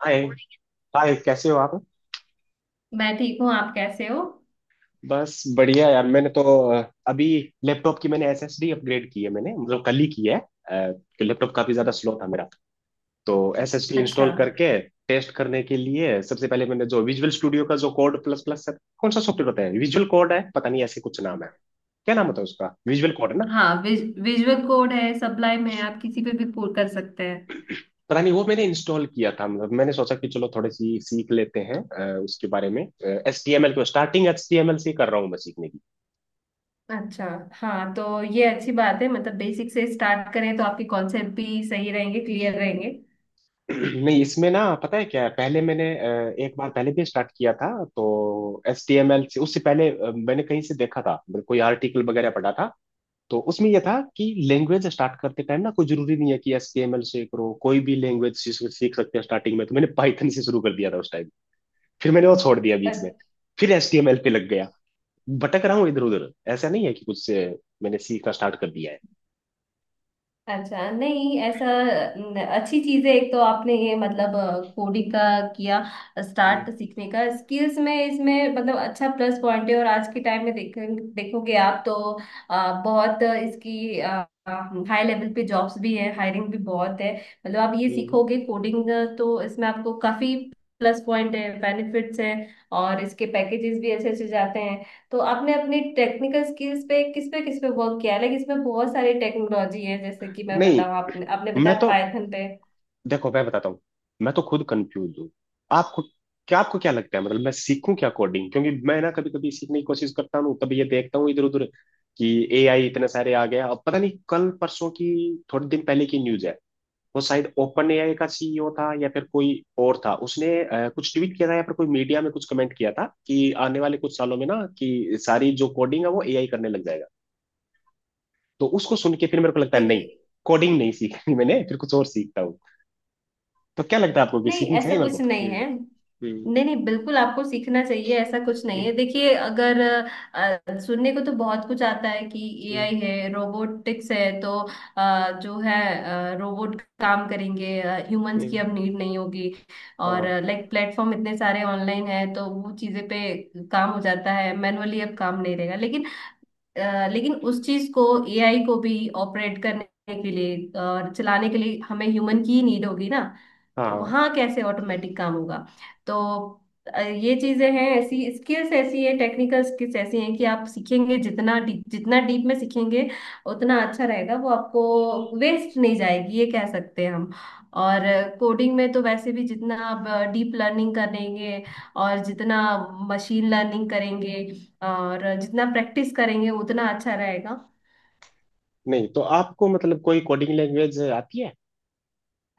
हाय। Hi कैसे हो आप। मैं ठीक हूँ। आप कैसे हो? बस बढ़िया यार मैंने तो अ, अभी लैपटॉप की मैंने एसएसडी अपग्रेड की है मैंने मतलब कल ही की है। कि लैपटॉप काफी ज्यादा स्लो था मेरा। तो एसएसडी अच्छा। इंस्टॉल करके टेस्ट करने के लिए सबसे पहले मैंने जो विजुअल स्टूडियो का जो कोड प्लस प्लस है कौन सा सॉफ्टवेयर होता है विजुअल कोड है पता नहीं ऐसे कुछ नाम है। क्या नाम होता है उसका, विजुअल कोड है ना। हाँ, विजुअल कोड है, सबलाइम है, आप किसी पे भी कोड कर सकते हैं। पता नहीं वो मैंने इंस्टॉल किया था मतलब मैंने सोचा कि चलो थोड़ी सी सीख लेते हैं उसके बारे में। एच टी एम एल को, starting H T M L से ही कर रहा हूँ मैं सीखने। अच्छा। हाँ, तो ये अच्छी बात है, मतलब बेसिक से स्टार्ट करें तो आपके कॉन्सेप्ट भी सही रहेंगे, क्लियर रहेंगे। नहीं इसमें ना पता है क्या है, पहले मैंने एक बार पहले भी स्टार्ट किया था तो एच टी एम एल से। उससे पहले मैंने कहीं से देखा था मतलब कोई आर्टिकल वगैरह पढ़ा था, तो उसमें यह था कि लैंग्वेज स्टार्ट करते टाइम ना कोई जरूरी नहीं है कि एच टी एम एल से करो, कोई भी लैंग्वेज सीख सकते हैं स्टार्टिंग में। तो मैंने पाइथन से शुरू कर दिया था उस टाइम। फिर मैंने वो छोड़ दिया बीच में, फिर एच टी एम एल पे लग गया। भटक रहा हूँ इधर उधर, ऐसा नहीं है कि कुछ से मैंने सीखना स्टार्ट कर दिया है। अच्छा, नहीं ऐसा। अच्छी चीज है। एक तो आपने ये मतलब कोडिंग का किया हम्म। स्टार्ट, सीखने का, स्किल्स में इसमें मतलब अच्छा प्लस पॉइंट है। और आज के टाइम में देखोगे आप तो बहुत इसकी हाई लेवल पे जॉब्स भी है, हायरिंग भी बहुत है, मतलब आप ये हम्म। सीखोगे कोडिंग तो इसमें आपको काफी प्लस पॉइंट है, बेनिफिट्स हैं। और इसके पैकेजेस भी अच्छे अच्छे जाते हैं। तो आपने अपनी टेक्निकल स्किल्स पे किस पे किस पे वर्क किया है? लाइक इसमें बहुत सारी टेक्नोलॉजी है, जैसे कि मैं नहीं, बताऊँ, आपने आपने मैं बताया तो, पाइथन पे। देखो मैं बताता हूँ, मैं तो खुद कंफ्यूज हूँ। आपको क्या, आपको क्या लगता है, मतलब मैं सीखूं क्या कोडिंग? क्योंकि मैं ना कभी कभी सीखने की कोशिश करता हूँ तभी ये देखता हूँ इधर उधर कि एआई इतने सारे आ गए। अब पता नहीं कल परसों की, थोड़े दिन पहले की न्यूज है, वो शायद ओपन एआई का सीईओ था या फिर कोई और था, उसने कुछ ट्वीट किया था या फिर कोई मीडिया में कुछ कमेंट किया था कि आने वाले कुछ सालों में ना कि सारी जो कोडिंग है वो एआई करने लग जाएगा। तो उसको सुन के फिर मेरे को लगता है नहीं, देखिए, कोडिंग नहीं सीखनी, मैंने फिर कुछ और सीखता हूँ। तो क्या लगता है आपको कि नहीं सीखनी चाहिए ऐसा मेरे को? कुछ नहीं हम्म। है। हम्म। नहीं नहीं, बिल्कुल आपको सीखना चाहिए, ऐसा कुछ नहीं हम्म। है। देखिए, अगर सुनने को तो बहुत कुछ आता है कि हम्म। एआई है, रोबोटिक्स है, तो जो है रोबोट काम करेंगे, ह्यूमंस की हम्म। अब नीड नहीं होगी। और हाँ। लाइक प्लेटफॉर्म इतने सारे ऑनलाइन है, तो वो चीजें पे काम हो जाता है, मैनुअली अब काम नहीं रहेगा। लेकिन लेकिन उस चीज को, एआई को भी ऑपरेट करने के लिए और चलाने के लिए हमें ह्यूमन की ही नीड होगी ना। तो हाँ। वहाँ कैसे ऑटोमेटिक काम होगा? तो ये चीजें हैं, ऐसी स्किल्स ऐसी है, टेक्निकल स्किल्स ऐसी हैं कि आप सीखेंगे, जितना डीप में सीखेंगे उतना अच्छा रहेगा। वो आपको वेस्ट नहीं जाएगी, ये कह सकते हैं हम। और कोडिंग में तो वैसे भी जितना आप डीप लर्निंग करेंगे और जितना मशीन लर्निंग करेंगे और जितना प्रैक्टिस करेंगे उतना अच्छा रहेगा। नहीं तो आपको मतलब कोई कोडिंग लैंग्वेज आती है?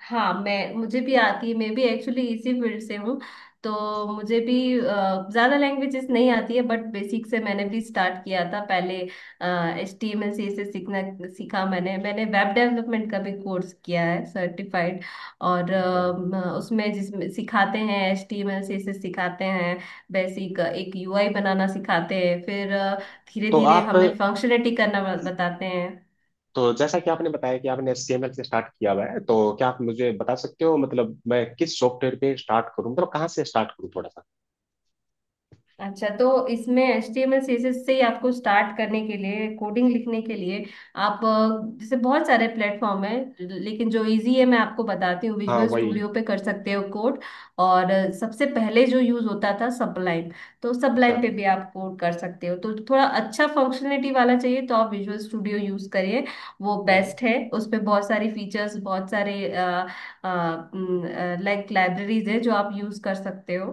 हाँ, मैं मुझे भी आती है। मैं भी एक्चुअली इसी फील्ड से हूँ, तो मुझे भी ज़्यादा लैंग्वेजेस नहीं आती है, बट बेसिक से मैंने भी स्टार्ट किया था पहले। H T M L C से सीखना सीखा मैंने। वेब डेवलपमेंट का भी कोर्स किया है सर्टिफाइड। और अच्छा। उसमें, जिसमें सिखाते हैं, H T M L C से सिखाते हैं, बेसिक एक यू आई बनाना सिखाते हैं। फिर धीरे तो धीरे आप, हमें फंक्शनलिटी करना बताते हैं। तो जैसा कि आपने बताया कि आपने HTML से स्टार्ट किया हुआ है, तो क्या आप मुझे बता सकते हो मतलब मैं किस सॉफ्टवेयर पे स्टार्ट करूँ, मतलब कहाँ से स्टार्ट करूँ थोड़ा सा। अच्छा, तो इसमें HTML CSS से ही आपको स्टार्ट करने के लिए, कोडिंग लिखने के लिए, आप जैसे बहुत सारे प्लेटफॉर्म है, लेकिन जो इजी है मैं आपको बताती हूँ, हाँ विजुअल वही। स्टूडियो पे कर सकते हो कोड। और सबसे पहले जो यूज होता था सबलाइन, तो अच्छा। सबलाइन पे भी आप कोड कर सकते हो। तो थोड़ा अच्छा फंक्शनलिटी वाला चाहिए तो आप विजुअल स्टूडियो यूज करिए, वो हम्म। बेस्ट है। उस पे बहुत सारी फीचर्स, बहुत सारे लाइक लाइब्रेरीज है, जो आप यूज कर सकते हो।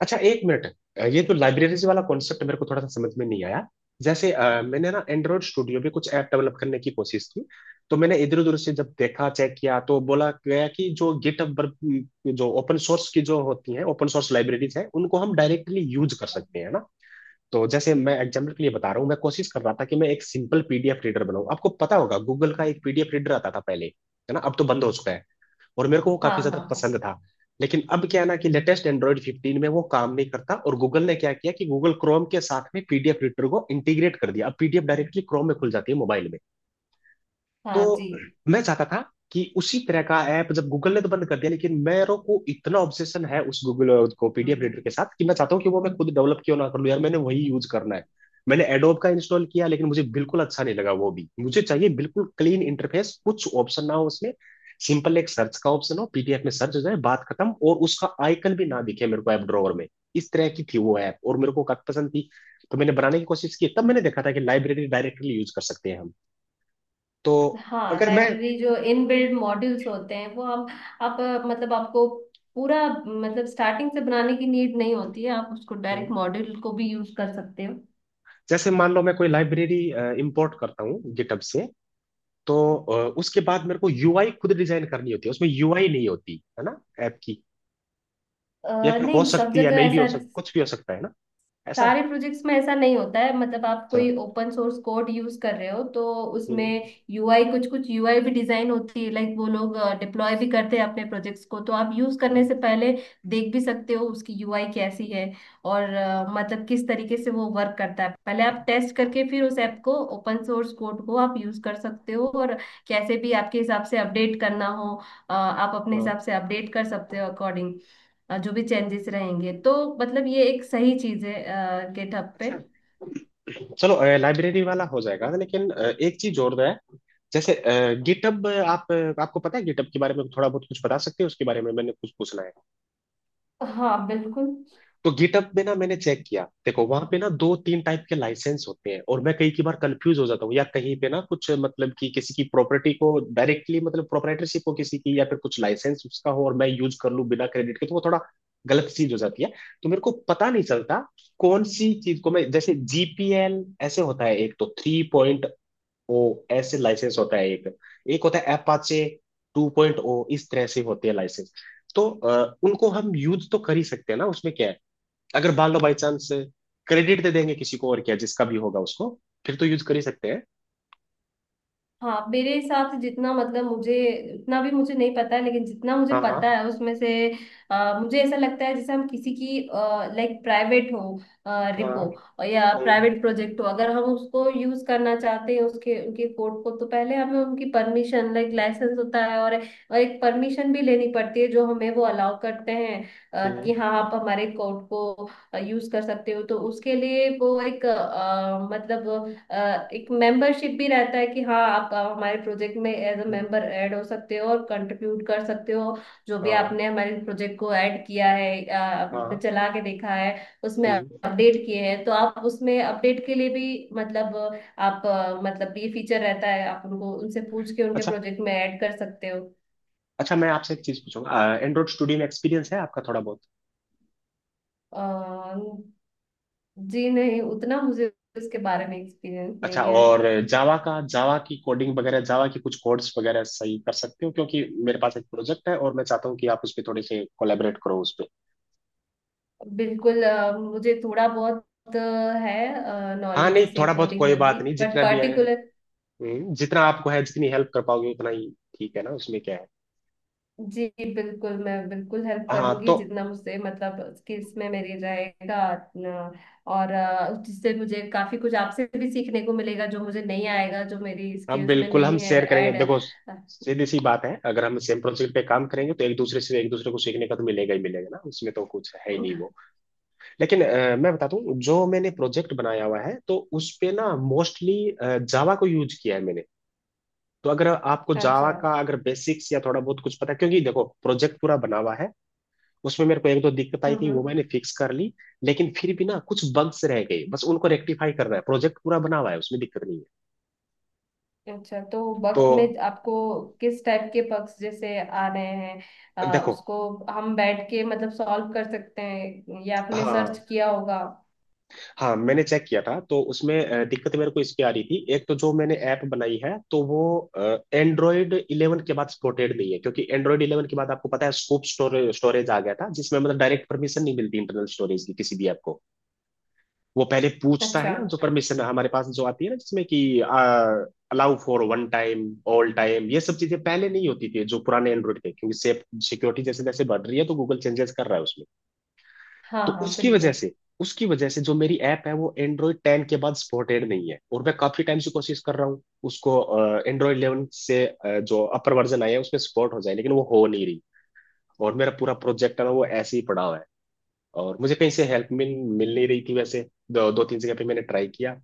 अच्छा एक मिनट, ये तो लाइब्रेरीज वाला कॉन्सेप्ट मेरे को थोड़ा सा समझ में नहीं आया। जैसे मैंने ना एंड्रॉइड स्टूडियो पे कुछ ऐप डेवलप करने की कोशिश की, तो मैंने इधर उधर से जब देखा चेक किया तो बोला गया कि जो गिटहब पर जो ओपन सोर्स की जो होती हैं, ओपन सोर्स लाइब्रेरीज हैं, उनको हम डायरेक्टली यूज कर सकते हैं ना। तो जैसे मैं एग्जाम्पल के लिए बता रहा हूँ, मैं कोशिश कर रहा था कि मैं एक सिंपल पीडीएफ रीडर बनाऊँ। आपको पता होगा गूगल का एक पीडीएफ रीडर आता था पहले है ना, अब तो बंद हो चुका है, और मेरे को वो हाँ काफी हाँ ज्यादा हाँ। पसंद था। लेकिन अब क्या है ना कि लेटेस्ट एंड्रॉइड 15 में वो काम नहीं करता, और गूगल ने क्या किया कि गूगल क्रोम के साथ में पीडीएफ रीडर को इंटीग्रेट कर दिया, अब पीडीएफ डायरेक्टली क्रोम में खुल जाती है मोबाइल में। हाँ जी। तो मैं चाहता था कि उसी तरह का ऐप, जब गूगल ने तो बंद कर दिया लेकिन मेरे को इतना ऑब्सेशन है उस गूगल को हाँ, पीडीएफ रीडर के साथ, कि मैं चाहता हूँ कि वो मैं खुद डेवलप क्यों ना कर लूँ यार, मैंने वही यूज करना है। मैंने एडोब का इंस्टॉल किया लेकिन मुझे बिल्कुल अच्छा नहीं लगा, वो भी मुझे चाहिए बिल्कुल क्लीन इंटरफेस, कुछ ऑप्शन ना हो उसमें, सिंपल एक सर्च का ऑप्शन हो, पीडीएफ में सर्च हो जाए बात खत्म, और उसका आइकन भी ना दिखे मेरे को ऐप ड्रॉवर में। इस तरह की थी वो ऐप, और मेरे को काफी पसंद थी। तो मैंने बनाने की कोशिश की तब मैंने देखा था कि लाइब्रेरी डायरेक्टली यूज कर सकते हैं हम। तो अगर मैं, लाइब्रेरी, जो इन बिल्ड मॉड्यूल्स होते हैं, वो हम आप मतलब आपको पूरा मतलब स्टार्टिंग से बनाने की नीड नहीं होती है, आप उसको डायरेक्ट हम्म। मॉड्यूल को भी यूज कर सकते हो। जैसे मान लो मैं कोई लाइब्रेरी इंपोर्ट करता हूँ गिटहब से, तो उसके बाद मेरे को यूआई खुद डिजाइन करनी होती है, उसमें यूआई नहीं होती है ना ऐप की, या फिर हो नहीं, सब सकती है, जगह नहीं भी हो ऐसा, सकती, कुछ भी हो सकता है ना ऐसा सारे है। प्रोजेक्ट्स में ऐसा नहीं होता है। मतलब आप अच्छा। कोई ओपन सोर्स कोड यूज कर रहे हो तो हम्म। उसमें यूआई, कुछ कुछ यूआई भी डिजाइन होती है। लाइक वो लोग डिप्लॉय भी करते हैं अपने प्रोजेक्ट्स को, तो आप यूज हाँ। करने से पहले देख भी सकते हो उसकी यूआई कैसी है। और मतलब किस तरीके से वो वर्क करता है, पहले आप टेस्ट करके फिर उस ऐप को, ओपन सोर्स कोड को आप यूज कर सकते हो। और कैसे भी आपके हिसाब से अपडेट करना हो, आप अपने हाँ। हिसाब से अपडेट कर सकते हो अकॉर्डिंग, जो भी चेंजेस रहेंगे। तो मतलब ये एक सही चीज है गेटअप पे। अच्छा चलो लाइब्रेरी वाला हो जाएगा, लेकिन एक चीज और है। जैसे गिटहब आप, आपको पता है गिटहब के बारे में थोड़ा बहुत? कुछ बता सकते हैं उसके बारे में, मैंने कुछ पूछना है। हाँ, बिल्कुल। तो गिटअप में ना मैंने चेक किया, देखो वहां पे ना दो तीन टाइप के लाइसेंस होते हैं, और मैं कई की बार कंफ्यूज हो जाता हूँ या कहीं पे ना कुछ, मतलब कि किसी की प्रॉपर्टी को डायरेक्टली मतलब प्रोपराइटरशिप हो किसी की, या फिर कुछ लाइसेंस उसका हो और मैं यूज कर लूँ बिना क्रेडिट के, तो वो थोड़ा गलत चीज हो जाती है। तो मेरे को पता नहीं चलता कौन सी चीज को। मैं जैसे जीपीएल ऐसे होता है एक, तो थ्री पॉइंट ओ ऐसे लाइसेंस होता है एक, एक होता है एपाचे टू पॉइंट ओ, इस तरह से होते हैं लाइसेंस। तो उनको हम यूज तो कर ही सकते हैं ना, उसमें क्या है अगर मान लो बाई चांस क्रेडिट दे देंगे किसी को, और क्या, जिसका भी होगा उसको, फिर तो यूज कर ही सकते हैं। हाँ मेरे हिसाब से, जितना मतलब मुझे, उतना भी मुझे नहीं पता है, लेकिन जितना मुझे हाँ। पता हाँ। है उसमें से मुझे ऐसा लगता है जैसे हम किसी की लाइक प्राइवेट हो हाँ। रिपो या हम्म। प्राइवेट प्रोजेक्ट हो, अगर हम उसको यूज करना चाहते हैं, उसके उनके कोड को, तो पहले हमें उनकी परमिशन, लाइक लाइसेंस होता है और एक परमिशन भी लेनी पड़ती है, जो हमें वो अलाउ करते हैं हम्म। कि हाँ आप हमारे कोड को यूज कर सकते हो। तो उसके लिए वो एक मतलब अ, एक मेंबरशिप भी रहता है कि हाँ आप हमारे प्रोजेक्ट में as a hmm. Member add हो सकते हो और कंट्रीब्यूट कर सकते हो। जो भी हाँ। आपने हमारे प्रोजेक्ट को ऐड किया है, हाँ। चला के देखा है, उसमें हम्म। अपडेट किए हैं, तो आप उसमें अपडेट के लिए भी मतलब आप मतलब ये फीचर रहता है, आप उनको, उनसे पूछ के उनके अच्छा। प्रोजेक्ट में ऐड कर सकते हो। अच्छा, मैं आपसे एक चीज पूछूंगा, एंड्रॉइड स्टूडियो में एक्सपीरियंस है आपका थोड़ा बहुत? अ, जी नहीं, उतना मुझे उसके बारे में एक्सपीरियंस अच्छा। नहीं है। और जावा का, जावा की कोडिंग वगैरह, जावा की कुछ कोड्स वगैरह सही कर सकते हो, क्योंकि मेरे पास एक प्रोजेक्ट है और मैं चाहता हूँ कि आप उस पर थोड़े से कोलेबरेट करो उस पे। बिल्कुल, मुझे थोड़ा बहुत अ, है हाँ नॉलेज, नहीं जैसे थोड़ा बहुत कोडिंग कोई में बात भी, नहीं, बट जितना भी है। पर्टिकुलर। जितना आपको है जितनी हेल्प कर पाओगे उतना ही। ठीक है ना, उसमें क्या है। जी बिल्कुल, मैं बिल्कुल हेल्प हाँ करूंगी, तो जितना मुझसे मतलब स्किल्स में मेरे रहेगा। न, और जिससे मुझे काफी कुछ आपसे भी सीखने को मिलेगा, जो मुझे नहीं आएगा, जो मेरी अब स्किल्स में बिल्कुल हम नहीं है शेयर करेंगे। ऐड। देखो सीधी सी बात है, अगर हम सेम प्रोजेक्ट पे काम करेंगे तो एक दूसरे से, एक दूसरे को सीखने का तो मिलेगा ही मिलेगा ना, उसमें तो कुछ है ही नहीं वो। लेकिन मैं बताता हूँ, जो मैंने प्रोजेक्ट बनाया हुआ है तो उस पे ना मोस्टली जावा को यूज किया है मैंने। तो अगर आपको जावा अच्छा। का अगर बेसिक्स या थोड़ा बहुत कुछ पता है, क्योंकि देखो प्रोजेक्ट पूरा बना हुआ है, उसमें मेरे को एक दो दिक्कत आई थी, वो हम्म। मैंने फिक्स कर ली, लेकिन फिर भी ना कुछ बग्स रह गए, बस उनको रेक्टिफाई करना है, प्रोजेक्ट पूरा बना हुआ है, उसमें दिक्कत नहीं है। अच्छा, तो तो बक में आपको किस टाइप के पक्ष जैसे आ रहे हैं? देखो, उसको हम बैठ के मतलब सॉल्व कर सकते हैं, या आपने सर्च हाँ, किया होगा? हाँ मैंने चेक किया था तो उसमें दिक्कत मेरे को इसकी आ रही थी, एक तो जो मैंने ऐप बनाई है तो वो एंड्रॉयड इलेवन के बाद सपोर्टेड नहीं है, क्योंकि एंड्रॉयड इलेवन के बाद आपको पता है स्कूप स्टोरेज, स्टोरेज आ गया था, जिसमें मतलब डायरेक्ट परमिशन नहीं मिलती इंटरनल स्टोरेज की किसी भी ऐप को। वो पहले पूछता है अच्छा। ना जो परमिशन हमारे पास जो आती है ना, जिसमें कि allow for one time, all time, ये सब चीजें पहले नहीं होती थी जो पुराने एंड्रॉयड थे। क्योंकि सेफ, सिक्योरिटी जैसे जैसे बढ़ रही है तो गूगल चेंजेस कर रहा है उसमें। हाँ तो हाँ, उसकी वजह बिल्कुल। से, उसकी वजह से जो मेरी ऐप है वो एंड्रॉयड टेन के बाद सपोर्टेड नहीं है, और मैं काफी टाइम से कोशिश कर रहा हूँ उसको एंड्रॉयड इलेवन से जो अपर वर्जन आया है उसमें सपोर्ट हो जाए, लेकिन वो हो नहीं रही, और मेरा पूरा प्रोजेक्ट है ना वो ऐसे ही पड़ा हुआ है। और मुझे कहीं से हेल्प मिल मिल नहीं रही थी, वैसे दो तीन जगह पे मैंने ट्राई किया,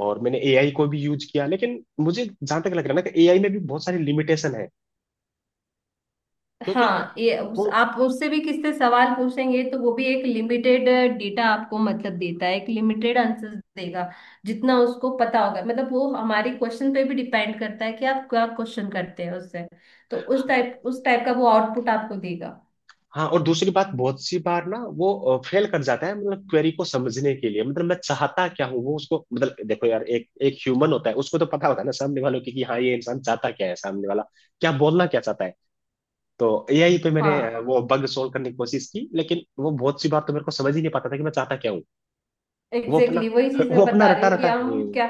और मैंने एआई को भी यूज किया, लेकिन मुझे जहां तक लग रहा है ना कि एआई में भी बहुत सारी लिमिटेशन है, क्योंकि हाँ, वो, आप उससे भी, किससे सवाल पूछेंगे तो वो भी एक लिमिटेड डेटा आपको मतलब देता है, एक लिमिटेड आंसर देगा, जितना उसको पता होगा। मतलब वो हमारे क्वेश्चन पे भी डिपेंड करता है कि आप क्या क्वेश्चन करते हैं उससे, तो उस टाइप का वो आउटपुट आपको देगा। हाँ। और दूसरी बात बहुत सी बार ना वो फेल कर जाता है मतलब क्वेरी को समझने के लिए, मतलब मैं चाहता क्या हूँ वो उसको, मतलब देखो यार एक एक ह्यूमन होता है उसको तो पता होता है ना सामने वालों की कि हाँ ये इंसान चाहता क्या है, सामने वाला क्या बोलना क्या चाहता है। तो एआई पे मैंने हाँ वो बग सोल्व करने की कोशिश की, लेकिन वो बहुत सी बार तो मेरे को समझ ही नहीं पाता था कि मैं चाहता क्या हूँ। वो एग्जैक्टली, अपना exactly, वही चीज मैं वो अपना बता रही रटा हूँ कि रटा वो हम क्या।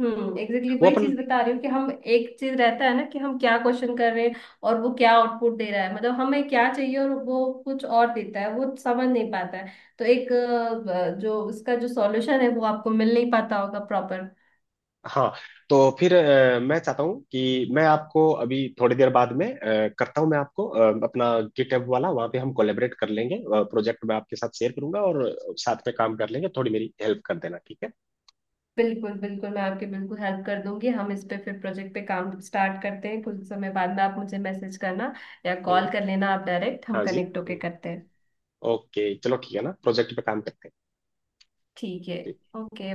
एग्जैक्टली, exactly, वही अपन। चीज बता रही हूँ कि हम, एक चीज रहता है ना कि हम क्या क्वेश्चन कर रहे हैं और वो क्या आउटपुट दे रहा है, मतलब हमें क्या चाहिए और वो कुछ और देता है, वो समझ नहीं पाता है। तो एक जो उसका जो सॉल्यूशन है वो आपको मिल नहीं पाता होगा प्रॉपर। हाँ तो फिर मैं चाहता हूँ कि मैं आपको अभी थोड़ी देर बाद में करता हूँ, मैं आपको अपना गिटहब वाला, वहाँ पे हम कोलेबरेट कर लेंगे, प्रोजेक्ट मैं आपके साथ शेयर करूंगा और साथ में काम कर लेंगे, थोड़ी मेरी हेल्प कर देना, ठीक है। बिल्कुल बिल्कुल, मैं आपकी बिल्कुल हेल्प कर दूंगी। हम इस पे फिर प्रोजेक्ट पे काम स्टार्ट करते हैं, कुछ समय बाद में आप मुझे मैसेज करना या कॉल हम्म। कर लेना, आप डायरेक्ट, हम हाँ जी। कनेक्ट होके हम्म। करते हैं। ओके चलो ठीक है ना, प्रोजेक्ट पे काम करते हैं। ठीक है। ठीक। ओके।